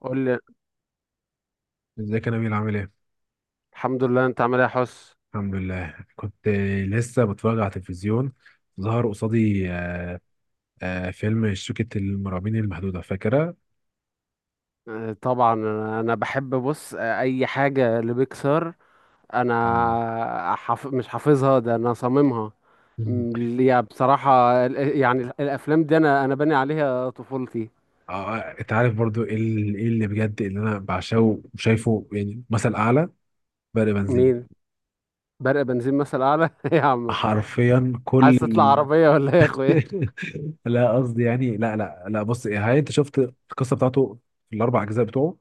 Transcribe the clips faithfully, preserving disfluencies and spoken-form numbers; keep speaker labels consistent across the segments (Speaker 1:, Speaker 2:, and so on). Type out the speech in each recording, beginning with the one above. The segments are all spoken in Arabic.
Speaker 1: قول لي.
Speaker 2: ازيك يا نبيل عامل ايه؟
Speaker 1: الحمد لله، انت عامل ايه يا حس؟
Speaker 2: الحمد لله كنت لسه بتفرج على التلفزيون ظهر قصادي آه، فيلم شركة المرعبين المحدودة فاكرة؟
Speaker 1: آه، طبعا انا أنا بحب بص، آه، اي حاجه لبيكسار.
Speaker 2: آه.
Speaker 1: انا حف... مش حافظها ده انا صاممها.
Speaker 2: مم.
Speaker 1: م- يا بصراحه ال- يعني ال- الافلام دي انا انا باني عليها طفولتي.
Speaker 2: آه، انت عارف برضو ايه ال- ايه اللي بجد اللي انا بعشقه وشايفه يعني مثل اعلى برق بنزين
Speaker 1: مين؟ برق بنزين مثل اعلى؟ ايه يا عم،
Speaker 2: حرفيا كل
Speaker 1: عايز تطلع
Speaker 2: ال-
Speaker 1: عربيه ولا ايه يا اخويا؟
Speaker 2: لا قصدي يعني لا لا لا بص إيه، هاي انت شفت القصة بتاعته في الاربع اجزاء بتوعه؟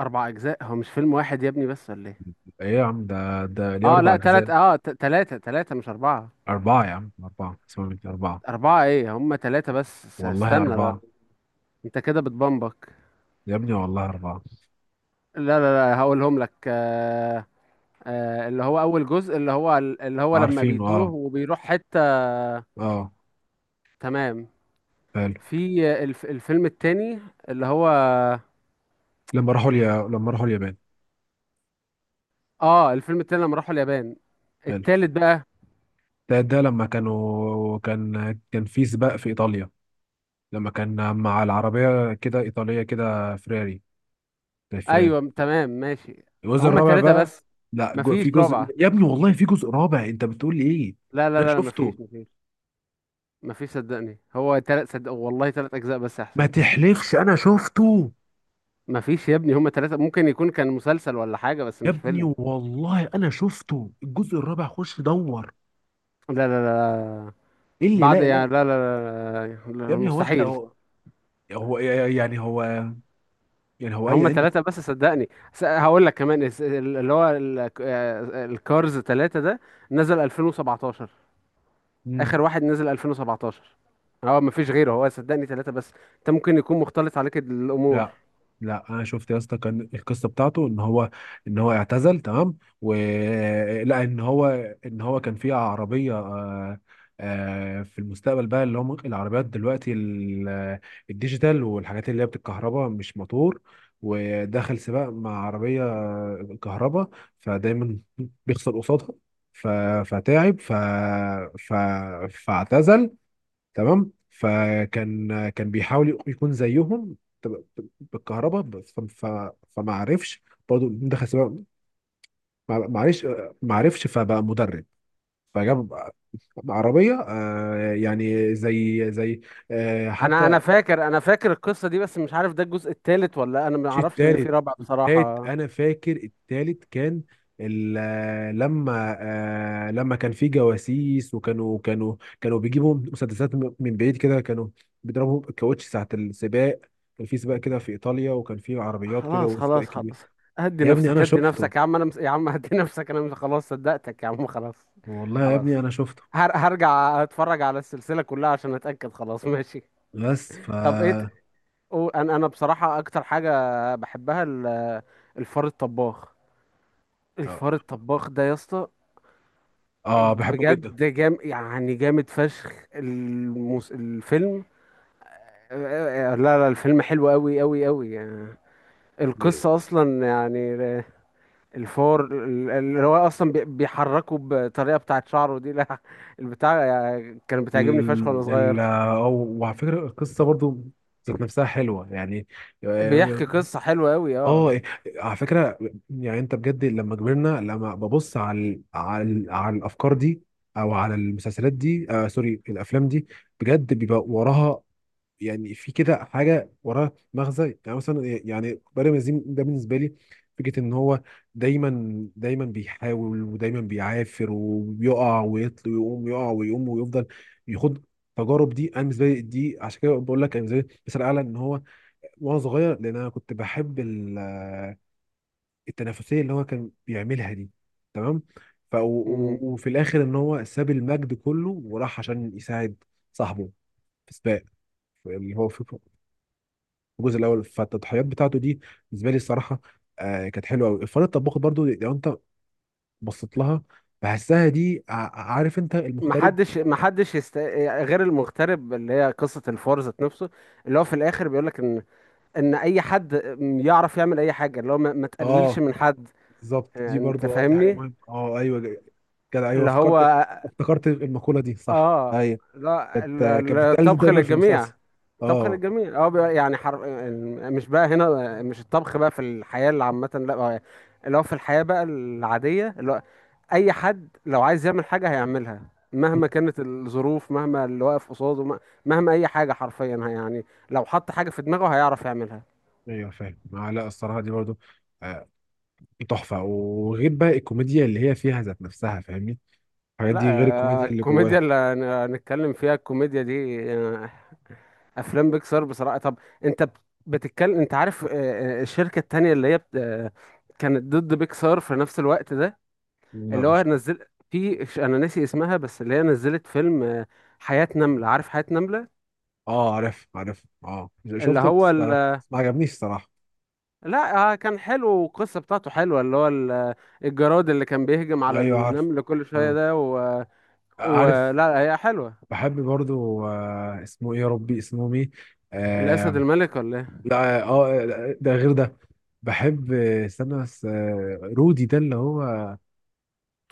Speaker 1: اربع اجزاء؟ هو مش فيلم واحد يا ابني بس ولا ايه؟
Speaker 2: ايه يا عم ده ده ليه
Speaker 1: اه
Speaker 2: اربع
Speaker 1: لا
Speaker 2: اجزاء؟
Speaker 1: تلات، اه ت- تلاتة، تلاتة مش اربعه.
Speaker 2: اربعة يا عم اربعة اسمع مني اربعة.
Speaker 1: اربعه ايه، هم تلاتة بس. س-
Speaker 2: والله
Speaker 1: استنى لا،
Speaker 2: اربعة.
Speaker 1: انت كده بتبمبك.
Speaker 2: يا ابني والله أربعة.
Speaker 1: لا لا، لا هقولهم لك. آه آه، اللي هو اول جزء اللي هو اللي هو لما
Speaker 2: عارفينه،
Speaker 1: بيتوه
Speaker 2: اه.
Speaker 1: وبيروح حتة.
Speaker 2: اه.
Speaker 1: تمام.
Speaker 2: حلو.
Speaker 1: في الف الفيلم التاني، اللي هو،
Speaker 2: لما راحوا اليا... لما راحوا اليابان.
Speaker 1: اه الفيلم التاني لما راحوا اليابان.
Speaker 2: حلو.
Speaker 1: التالت بقى
Speaker 2: ده ده لما كانوا كان كان في سباق في إيطاليا، لما كان مع العربية كده إيطالية كده فراري، زي فراري.
Speaker 1: ايوه تمام ماشي.
Speaker 2: الجزء
Speaker 1: هما
Speaker 2: الرابع
Speaker 1: تلاتة
Speaker 2: بقى.
Speaker 1: بس.
Speaker 2: لا جو... في
Speaker 1: مفيش
Speaker 2: جزء،
Speaker 1: رابعة،
Speaker 2: يا ابني والله في جزء رابع، أنت بتقول لي إيه؟
Speaker 1: لا
Speaker 2: أنا
Speaker 1: لا لا، مفيش
Speaker 2: شفته.
Speaker 1: مفيش. مفيش، صدقني، هو تلات، صدق والله تلات اجزاء بس يا
Speaker 2: ما
Speaker 1: حسين.
Speaker 2: تحلفش، أنا شفته.
Speaker 1: مفيش يا ابني، هما تلاتة. ممكن يكون كان مسلسل ولا حاجة بس
Speaker 2: يا
Speaker 1: مش
Speaker 2: ابني
Speaker 1: فيلم.
Speaker 2: والله أنا شفته الجزء الرابع، خش دور.
Speaker 1: لا لا لا.
Speaker 2: إيه اللي
Speaker 1: بعد
Speaker 2: لا لا.
Speaker 1: يعني لا لا لا, لا لا،
Speaker 2: يا ابني هو أنت
Speaker 1: مستحيل.
Speaker 2: هو هو يعني هو يعني هو
Speaker 1: هما
Speaker 2: اي.
Speaker 1: ثلاثة بس صدقني. س- هقول لك كمان، الس- اللي هو ال- آه، الكارز ثلاثة ده نزل ألفين وسبعتاشر.
Speaker 2: مم.
Speaker 1: آخر واحد نزل ألفين وسبعتاشر. هو مفيش غيره، هو صدقني ثلاثة بس. انت ممكن يكون مختلط عليك الأمور.
Speaker 2: لا لا، انا شفت يا اسطى كان القصه بتاعته ان هو ان هو اعتزل، تمام، ولا ان هو ان هو كان في عربيه، آه، آه، في المستقبل بقى، اللي هم العربيات دلوقتي ال- الديجيتال والحاجات اللي هي بتتكهرباء مش موتور، ودخل سباق مع عربيه كهرباء، فدايما بيخسر قصادها، ف- فتعب، ف... ف... فاعتزل. تمام. فكان كان بيحاول يكون زيهم، ب- ب- بالكهرباء بس ف- ف- فما عرفش، برضه دخل سباق، ما ما عرفش، ما عرفش، فبقى مدرب، فجاب عربية، آه، يعني زي زي آه،
Speaker 1: انا انا
Speaker 2: حتى.
Speaker 1: فاكر، انا فاكر القصة دي، بس مش عارف ده الجزء الثالث ولا انا ما
Speaker 2: مش
Speaker 1: اعرفش ان في
Speaker 2: التالت.
Speaker 1: رابع
Speaker 2: التالت
Speaker 1: بصراحة.
Speaker 2: انا فاكر التالت كان ال- آه، لما آه، لما كان في جواسيس، وكانوا كانوا كانوا بيجيبوا مسدسات م- من بعيد كده، كانوا بيضربوا الكاوتش ساعة السباق. كان في سباق كده في ايطاليا، وكان في عربيات كده
Speaker 1: خلاص
Speaker 2: وسباق
Speaker 1: خلاص
Speaker 2: كبير.
Speaker 1: خلاص، هدي
Speaker 2: يا ابني انا
Speaker 1: نفسك، هدي
Speaker 2: شفته،
Speaker 1: نفسك يا عم. انا مس... يا عم هدي نفسك. انا مس... خلاص صدقتك يا عم، خلاص
Speaker 2: والله يا
Speaker 1: خلاص.
Speaker 2: ابني انا شفته.
Speaker 1: هر... هرجع اتفرج على السلسلة كلها عشان اتأكد، خلاص ماشي.
Speaker 2: بس ف
Speaker 1: طب ايه، ت-
Speaker 2: اه
Speaker 1: قول- انا انا بصراحة اكتر حاجة بحبها ال- الفار الطباخ. الفار الطباخ ده يا اسطى،
Speaker 2: آه، بحبه جدا.
Speaker 1: بجد جام يعني جامد فشخ. المس... الفيلم، لا لا، الفيلم حلو قوي قوي قوي يعني.
Speaker 2: ال...
Speaker 1: القصة أصلا يعني الفور، ال- اللي هو اصلا بي- بيحركه بطريقه بتاعه شعره دي لا، البتاع يعني كان بتعجبني فشخ وانا
Speaker 2: ال...
Speaker 1: صغير.
Speaker 2: آه، وعلى فكرة القصة برضو ذات نفسها حلوة يعني. آه.
Speaker 1: بيحكي قصه حلوه قوي
Speaker 2: اه
Speaker 1: اه.
Speaker 2: إيه، على فكره، يعني انت بجد لما كبرنا، لما ببص على ال- على ال- على الافكار دي او على المسلسلات دي، آه سوري، الافلام دي، بجد بيبقى وراها، يعني في كده حاجه وراها مغزى. يعني مثلا إيه، يعني بارم الزين ده بالنسبه لي، فكره ان هو دايما دايما بيحاول، ودايما بيعافر وبيقع ويطل ويقوم، يقع ويقوم ويفضل يخوض التجارب دي. انا بالنسبه لي دي عشان كده بقول لك انا بالنسبه لي مثال اعلى ان هو، وانا صغير، لان انا كنت بحب التنافسيه اللي هو كان بيعملها دي، تمام. ف و- و-
Speaker 1: مم.
Speaker 2: وفي الاخر ان هو ساب المجد كله وراح عشان يساعد صاحبه في سباق، في- اللي هو في في الجزء الاول، فالتضحيات بتاعته دي بالنسبه لي الصراحه آه كانت حلوه قوي. الفار الطباخ برضو، لو انت بصيت لها بحسها دي، ع- عارف انت المغترب.
Speaker 1: محدش محدش يست... غير المغترب، اللي هي قصه الفور ذات نفسه، اللي هو في الاخر بيقول لك ان، ان اي حد يعرف يعمل اي حاجه. اللي هو ما, ما تقللش
Speaker 2: اه
Speaker 1: من حد.
Speaker 2: بالظبط، دي
Speaker 1: انت
Speaker 2: برضو اه دي حاجه
Speaker 1: فاهمني؟
Speaker 2: مهمه، اه ايوه ج- كده، ايوه
Speaker 1: اللي هو
Speaker 2: افتكرت، افتكرت المقوله دي، صح،
Speaker 1: اه.
Speaker 2: ايوه.
Speaker 1: لا،
Speaker 2: كانت
Speaker 1: ال-
Speaker 2: كانت
Speaker 1: ال-
Speaker 2: بتتقال
Speaker 1: الطبخ
Speaker 2: دايما في
Speaker 1: للجميع،
Speaker 2: المسلسل.
Speaker 1: الطبخ
Speaker 2: اه
Speaker 1: الجميل، اه بقى يعني حر... مش بقى هنا، مش الطبخ بقى في الحياة اللي عامة، لا، هو اللي هو في الحياة بقى العادية، اللي هو أي حد لو عايز يعمل حاجة هيعملها، مهما كانت الظروف، مهما اللي واقف قصاده، م- مهما أي حاجة حرفيا يعني. لو حط حاجة في دماغه هيعرف يعملها.
Speaker 2: ايوه فاهم آه. لا الصراحه دي برضو آه، تحفه، وغير بقى الكوميديا اللي هي فيها ذات نفسها، فاهمني، الحاجات
Speaker 1: لا
Speaker 2: دي غير
Speaker 1: آه،
Speaker 2: الكوميديا اللي
Speaker 1: الكوميديا
Speaker 2: جواها.
Speaker 1: اللي هن- هنتكلم فيها، الكوميديا دي، آه، أفلام بيكسار بصراحة. طب أنت بتتكلم، أنت عارف، آه، آه، الشركة التانية اللي هي بت- آه، كانت ضد بيكسار في نفس الوقت ده،
Speaker 2: لا
Speaker 1: اللي هو
Speaker 2: مش.
Speaker 1: نزل في، انا ناسي اسمها، بس اللي هي نزلت فيلم، آه، حياة نملة. عارف حياة نملة؟
Speaker 2: اه عارف عارف، اه
Speaker 1: اللي
Speaker 2: شفته
Speaker 1: هو
Speaker 2: بس ما,
Speaker 1: ال...
Speaker 2: بس ما عجبنيش الصراحه.
Speaker 1: لا آه، كان حلو والقصة بتاعته حلوة، اللي هو ال- الجراد اللي كان بيهجم على
Speaker 2: ايوه عارف.
Speaker 1: النمل كل شوية
Speaker 2: آه.
Speaker 1: ده و...
Speaker 2: عارف.
Speaker 1: ولا هي حلوة؟
Speaker 2: بحب برضو آه، اسمه ايه يا ربي، اسمه مين
Speaker 1: الأسد
Speaker 2: آه.
Speaker 1: الملك ولا ايه؟
Speaker 2: لا، اه، آه، ده غير ده. بحب، آه، استنى بس آه، رودي ده اللي هو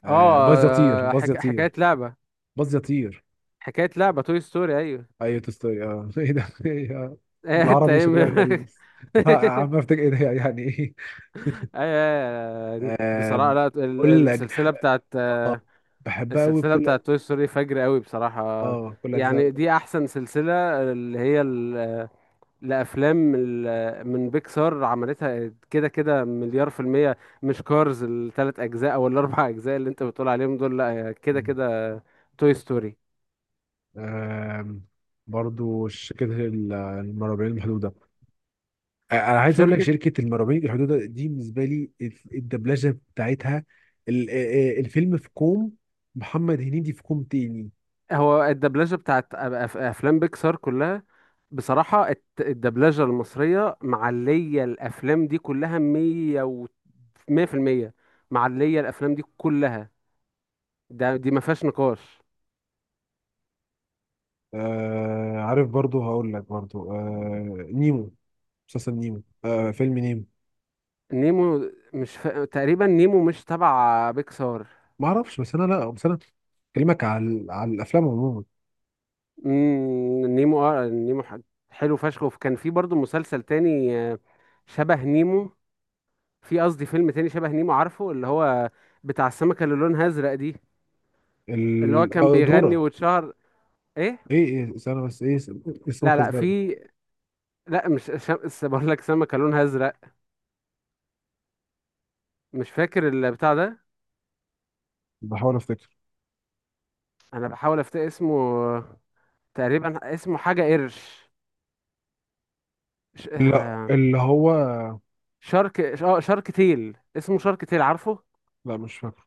Speaker 2: آه،
Speaker 1: اه
Speaker 2: باز يطير،
Speaker 1: آه،
Speaker 2: باز
Speaker 1: حك... حكاية
Speaker 2: يطير.
Speaker 1: لعبة،
Speaker 2: باز يطير.
Speaker 1: حكاية لعبة توي ستوري، ايوه.
Speaker 2: ايوه تستوري اه ايه ده إيه ده؟
Speaker 1: إيه، انت
Speaker 2: بالعربي
Speaker 1: ايه
Speaker 2: شكلها
Speaker 1: م-
Speaker 2: غريب، لا عم افتكر ايه ده يعني ايه.
Speaker 1: ايوه؟ أيوة، بصراحة
Speaker 2: آم،
Speaker 1: لا، ال-
Speaker 2: كل أج...
Speaker 1: السلسلة بتاعت،
Speaker 2: اه
Speaker 1: آه،
Speaker 2: بحبها قوي
Speaker 1: السلسلة
Speaker 2: بكل أج...
Speaker 1: بتاعت توي ستوري فجر قوي بصراحة.
Speaker 2: اه كل اجزاء.
Speaker 1: يعني دي أحسن سلسلة، اللي هي ال- لأفلام، ال- من بيكسار عملتها. كده كده مليار في المية مش كارز التلات أجزاء أو الأربع أجزاء اللي أنت بتقول عليهم دول. لأ كده كده توي ستوري
Speaker 2: آم، برضو شركة ال- المرابعين المحدودة. آه، انا عايز اقول لك
Speaker 1: شركة.
Speaker 2: شركة المرابعين المحدودة دي بالنسبة لي الدبلجة بتاعتها ال- آه، آه، الفيلم في كوم، محمد هنيدي في كوم تاني.
Speaker 1: هو الدبلجة بتاعت أف- أفلام بيكسار كلها بصراحة، الت- الدبلجة المصرية معلية الأفلام دي كلها مية و مية في المية، معلية الأفلام دي كلها. ده دي ما فيهاش نقاش.
Speaker 2: آه عارف، برضو هقول لك برضو آه، نيمو، مسلسل نيمو آه فيلم نيمو.
Speaker 1: نيمو مش ف... تقريبا نيمو مش تبع بيكسار.
Speaker 2: ما اعرفش، بس انا لا بس انا بكلمك على على الافلام عموما.
Speaker 1: مم، نيمو، اه نيمو ح- حلو فشخ. وكان في برضو مسلسل تاني، آه، شبه نيمو، في قصدي فيلم تاني شبه نيمو، عارفه اللي هو بتاع السمكة اللي لونها ازرق دي؟ اللي هو
Speaker 2: ال...
Speaker 1: كان
Speaker 2: آه،
Speaker 1: بيغني
Speaker 2: دورة.
Speaker 1: واتشهر. ايه؟
Speaker 2: ايه ايه استنى بس، ايه اس-
Speaker 1: لا
Speaker 2: اسمك
Speaker 1: لا،
Speaker 2: ازاي.
Speaker 1: في، لا مش ش... س- بقول لك سمكة لونها ازرق. مش فاكر البتاع ده.
Speaker 2: بحاول افتكر.
Speaker 1: انا بحاول افتكر اسمه. تقريبا اسمه حاجة قرش، مش...
Speaker 2: لا اللي هو.
Speaker 1: شارك، اه شارك تيل، اسمه شارك تيل، عارفه؟
Speaker 2: لا مش فاكر.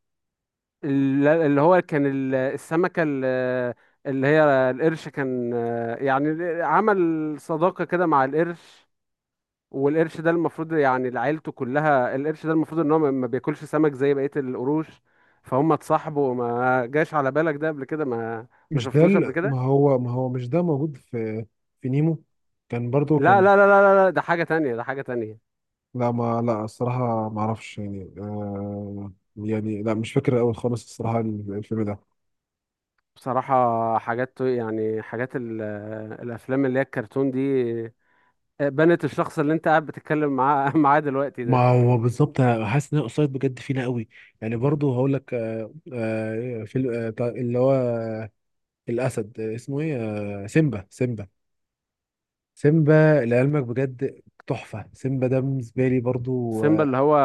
Speaker 1: ال- اللي هو كان ال- السمكة، ال- اللي هي القرش كان يعني عمل صداقة كده مع القرش. والقرش ده المفروض يعني لعيلته كلها، القرش ده المفروض ان هو ما ما بياكلش سمك زي بقية القروش، فهم اتصاحبوا. ما جاش على بالك ده قبل كده؟ ما ما
Speaker 2: مش ده
Speaker 1: شفتوش قبل
Speaker 2: ال-
Speaker 1: كده؟
Speaker 2: ما هو، ما هو مش ده موجود في في نيمو، كان برضو
Speaker 1: لا
Speaker 2: كان.
Speaker 1: لا لا، لا لا لا، ده حاجة تانية، ده حاجة تانية.
Speaker 2: لا ما لا الصراحة ما اعرفش يعني آه يعني لا مش فاكر قوي خالص الصراحة الفيلم ده.
Speaker 1: بصراحة حاجات يعني، حاجات ال- الأفلام اللي هي الكرتون دي، بنت الشخص اللي انت قاعد بتتكلم معاه معاه دلوقتي
Speaker 2: ما
Speaker 1: ده.
Speaker 2: هو بالظبط انا حاسس ان الاوفسايد بجد فينا قوي. يعني برضو هقول لك آه، آه، في ال- آه، بتاع- اللي هو آه، الاسد، آه، اسمه ايه، آه، سيمبا، سيمبا، سيمبا. لعلمك بجد تحفه، سيمبا ده بالنسبه لي برضو
Speaker 1: سيمبا،
Speaker 2: آه،
Speaker 1: اللي هو،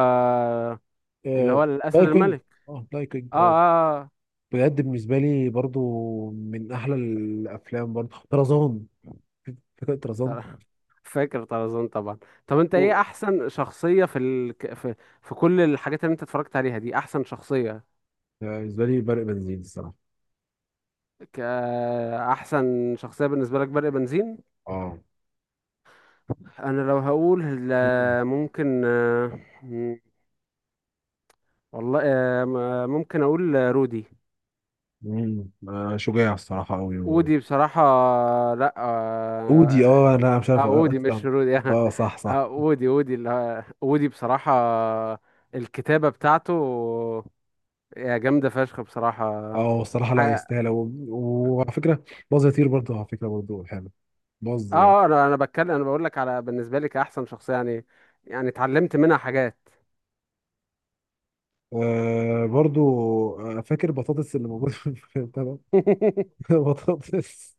Speaker 1: اللي هو
Speaker 2: آه،
Speaker 1: الاسد
Speaker 2: لاين كينج.
Speaker 1: الملك،
Speaker 2: اه لاين
Speaker 1: اه
Speaker 2: كينج اه.
Speaker 1: اه آه.
Speaker 2: بجد بالنسبه لي برضو من احلى الافلام، برضو طرزان، فكره طرزان.
Speaker 1: طر- فاكر طرزان طبعا. طب انت ايه
Speaker 2: و-
Speaker 1: احسن شخصية في ال... ك- في في كل الحاجات اللي انت اتفرجت عليها دي؟ احسن شخصية؟
Speaker 2: آه، بالنسبه لي برق بنزين الصراحه.
Speaker 1: ك... آه، احسن شخصية بالنسبة لك برق بنزين.
Speaker 2: اه.
Speaker 1: انا لو هقول
Speaker 2: مم.
Speaker 1: لا، ممكن، آه، م- والله، آه، م- ممكن اقول، آه، رودي.
Speaker 2: مم. آه، شجاع الصراحه قوي.
Speaker 1: ودي بصراحة، لا
Speaker 2: اودي،
Speaker 1: آه،
Speaker 2: اه لا مش
Speaker 1: اه
Speaker 2: عارف
Speaker 1: اودي مش
Speaker 2: اتلم.
Speaker 1: رودي
Speaker 2: اه صح صح.
Speaker 1: اه اودي، اودي، اللي اودي بصراحة الكتابة بتاعته يا جامدة فشخ بصراحة.
Speaker 2: اه الصراحه
Speaker 1: ح-
Speaker 2: لا،
Speaker 1: اه
Speaker 2: يستاهل، و- وعلى فكره، باظ يطير برضه، على فكره برضه حلو، باظ يعني.
Speaker 1: آه، انا انا بتكلم، انا بقول لك على بالنسبة لي كأحسن شخصية يعني، يعني اتعلمت منها حاجات.
Speaker 2: آه برضه آه، فاكر بطاطس اللي موجود في البتاع ده؟ بطاطس،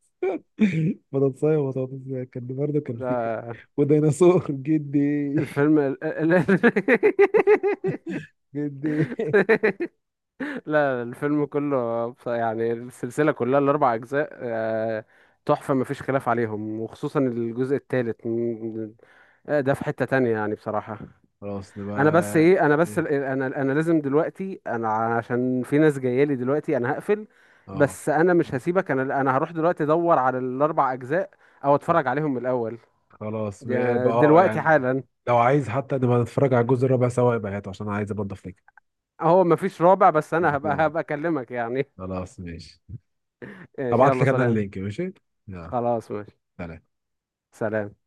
Speaker 2: بطاطساية وبطاطس، كان برضه كان فيه
Speaker 1: لا
Speaker 2: وديناصور، جدي،
Speaker 1: الفيلم ال- ال- ال-
Speaker 2: جدي.
Speaker 1: لا الفيلم كله بص- يعني السلسلة كلها الأربع أجزاء، آه، تحفة، مفيش خلاف عليهم، وخصوصا الجزء الثالث، آه، ده في حتة تانية يعني بصراحة.
Speaker 2: خلاص نبقى.
Speaker 1: انا بس ايه، انا بس،
Speaker 2: إيه؟
Speaker 1: ال- انا انا لازم دلوقتي انا، عشان في ناس جاية لي دلوقتي، انا هقفل.
Speaker 2: اه.
Speaker 1: بس انا مش هسيبك، انا انا هروح دلوقتي ادور على الاربع اجزاء او
Speaker 2: آه.
Speaker 1: اتفرج عليهم من الاول.
Speaker 2: خلاص م-
Speaker 1: ده-
Speaker 2: اه
Speaker 1: دلوقتي
Speaker 2: يعني
Speaker 1: حالا.
Speaker 2: لو عايز حتى نبقى نتفرج على الجزء الرابع سوا يبقى هاته، عشان انا عايز برضه افتكر
Speaker 1: هو مفيش رابع بس انا هبقى
Speaker 2: الأخيرة.
Speaker 1: هبقى اكلمك يعني.
Speaker 2: خلاص ماشي.
Speaker 1: ماشي،
Speaker 2: هبعت
Speaker 1: يلا
Speaker 2: لك أنا
Speaker 1: سلام.
Speaker 2: اللينك، ماشي. يلا
Speaker 1: خلاص ماشي.
Speaker 2: سلام.
Speaker 1: سلام.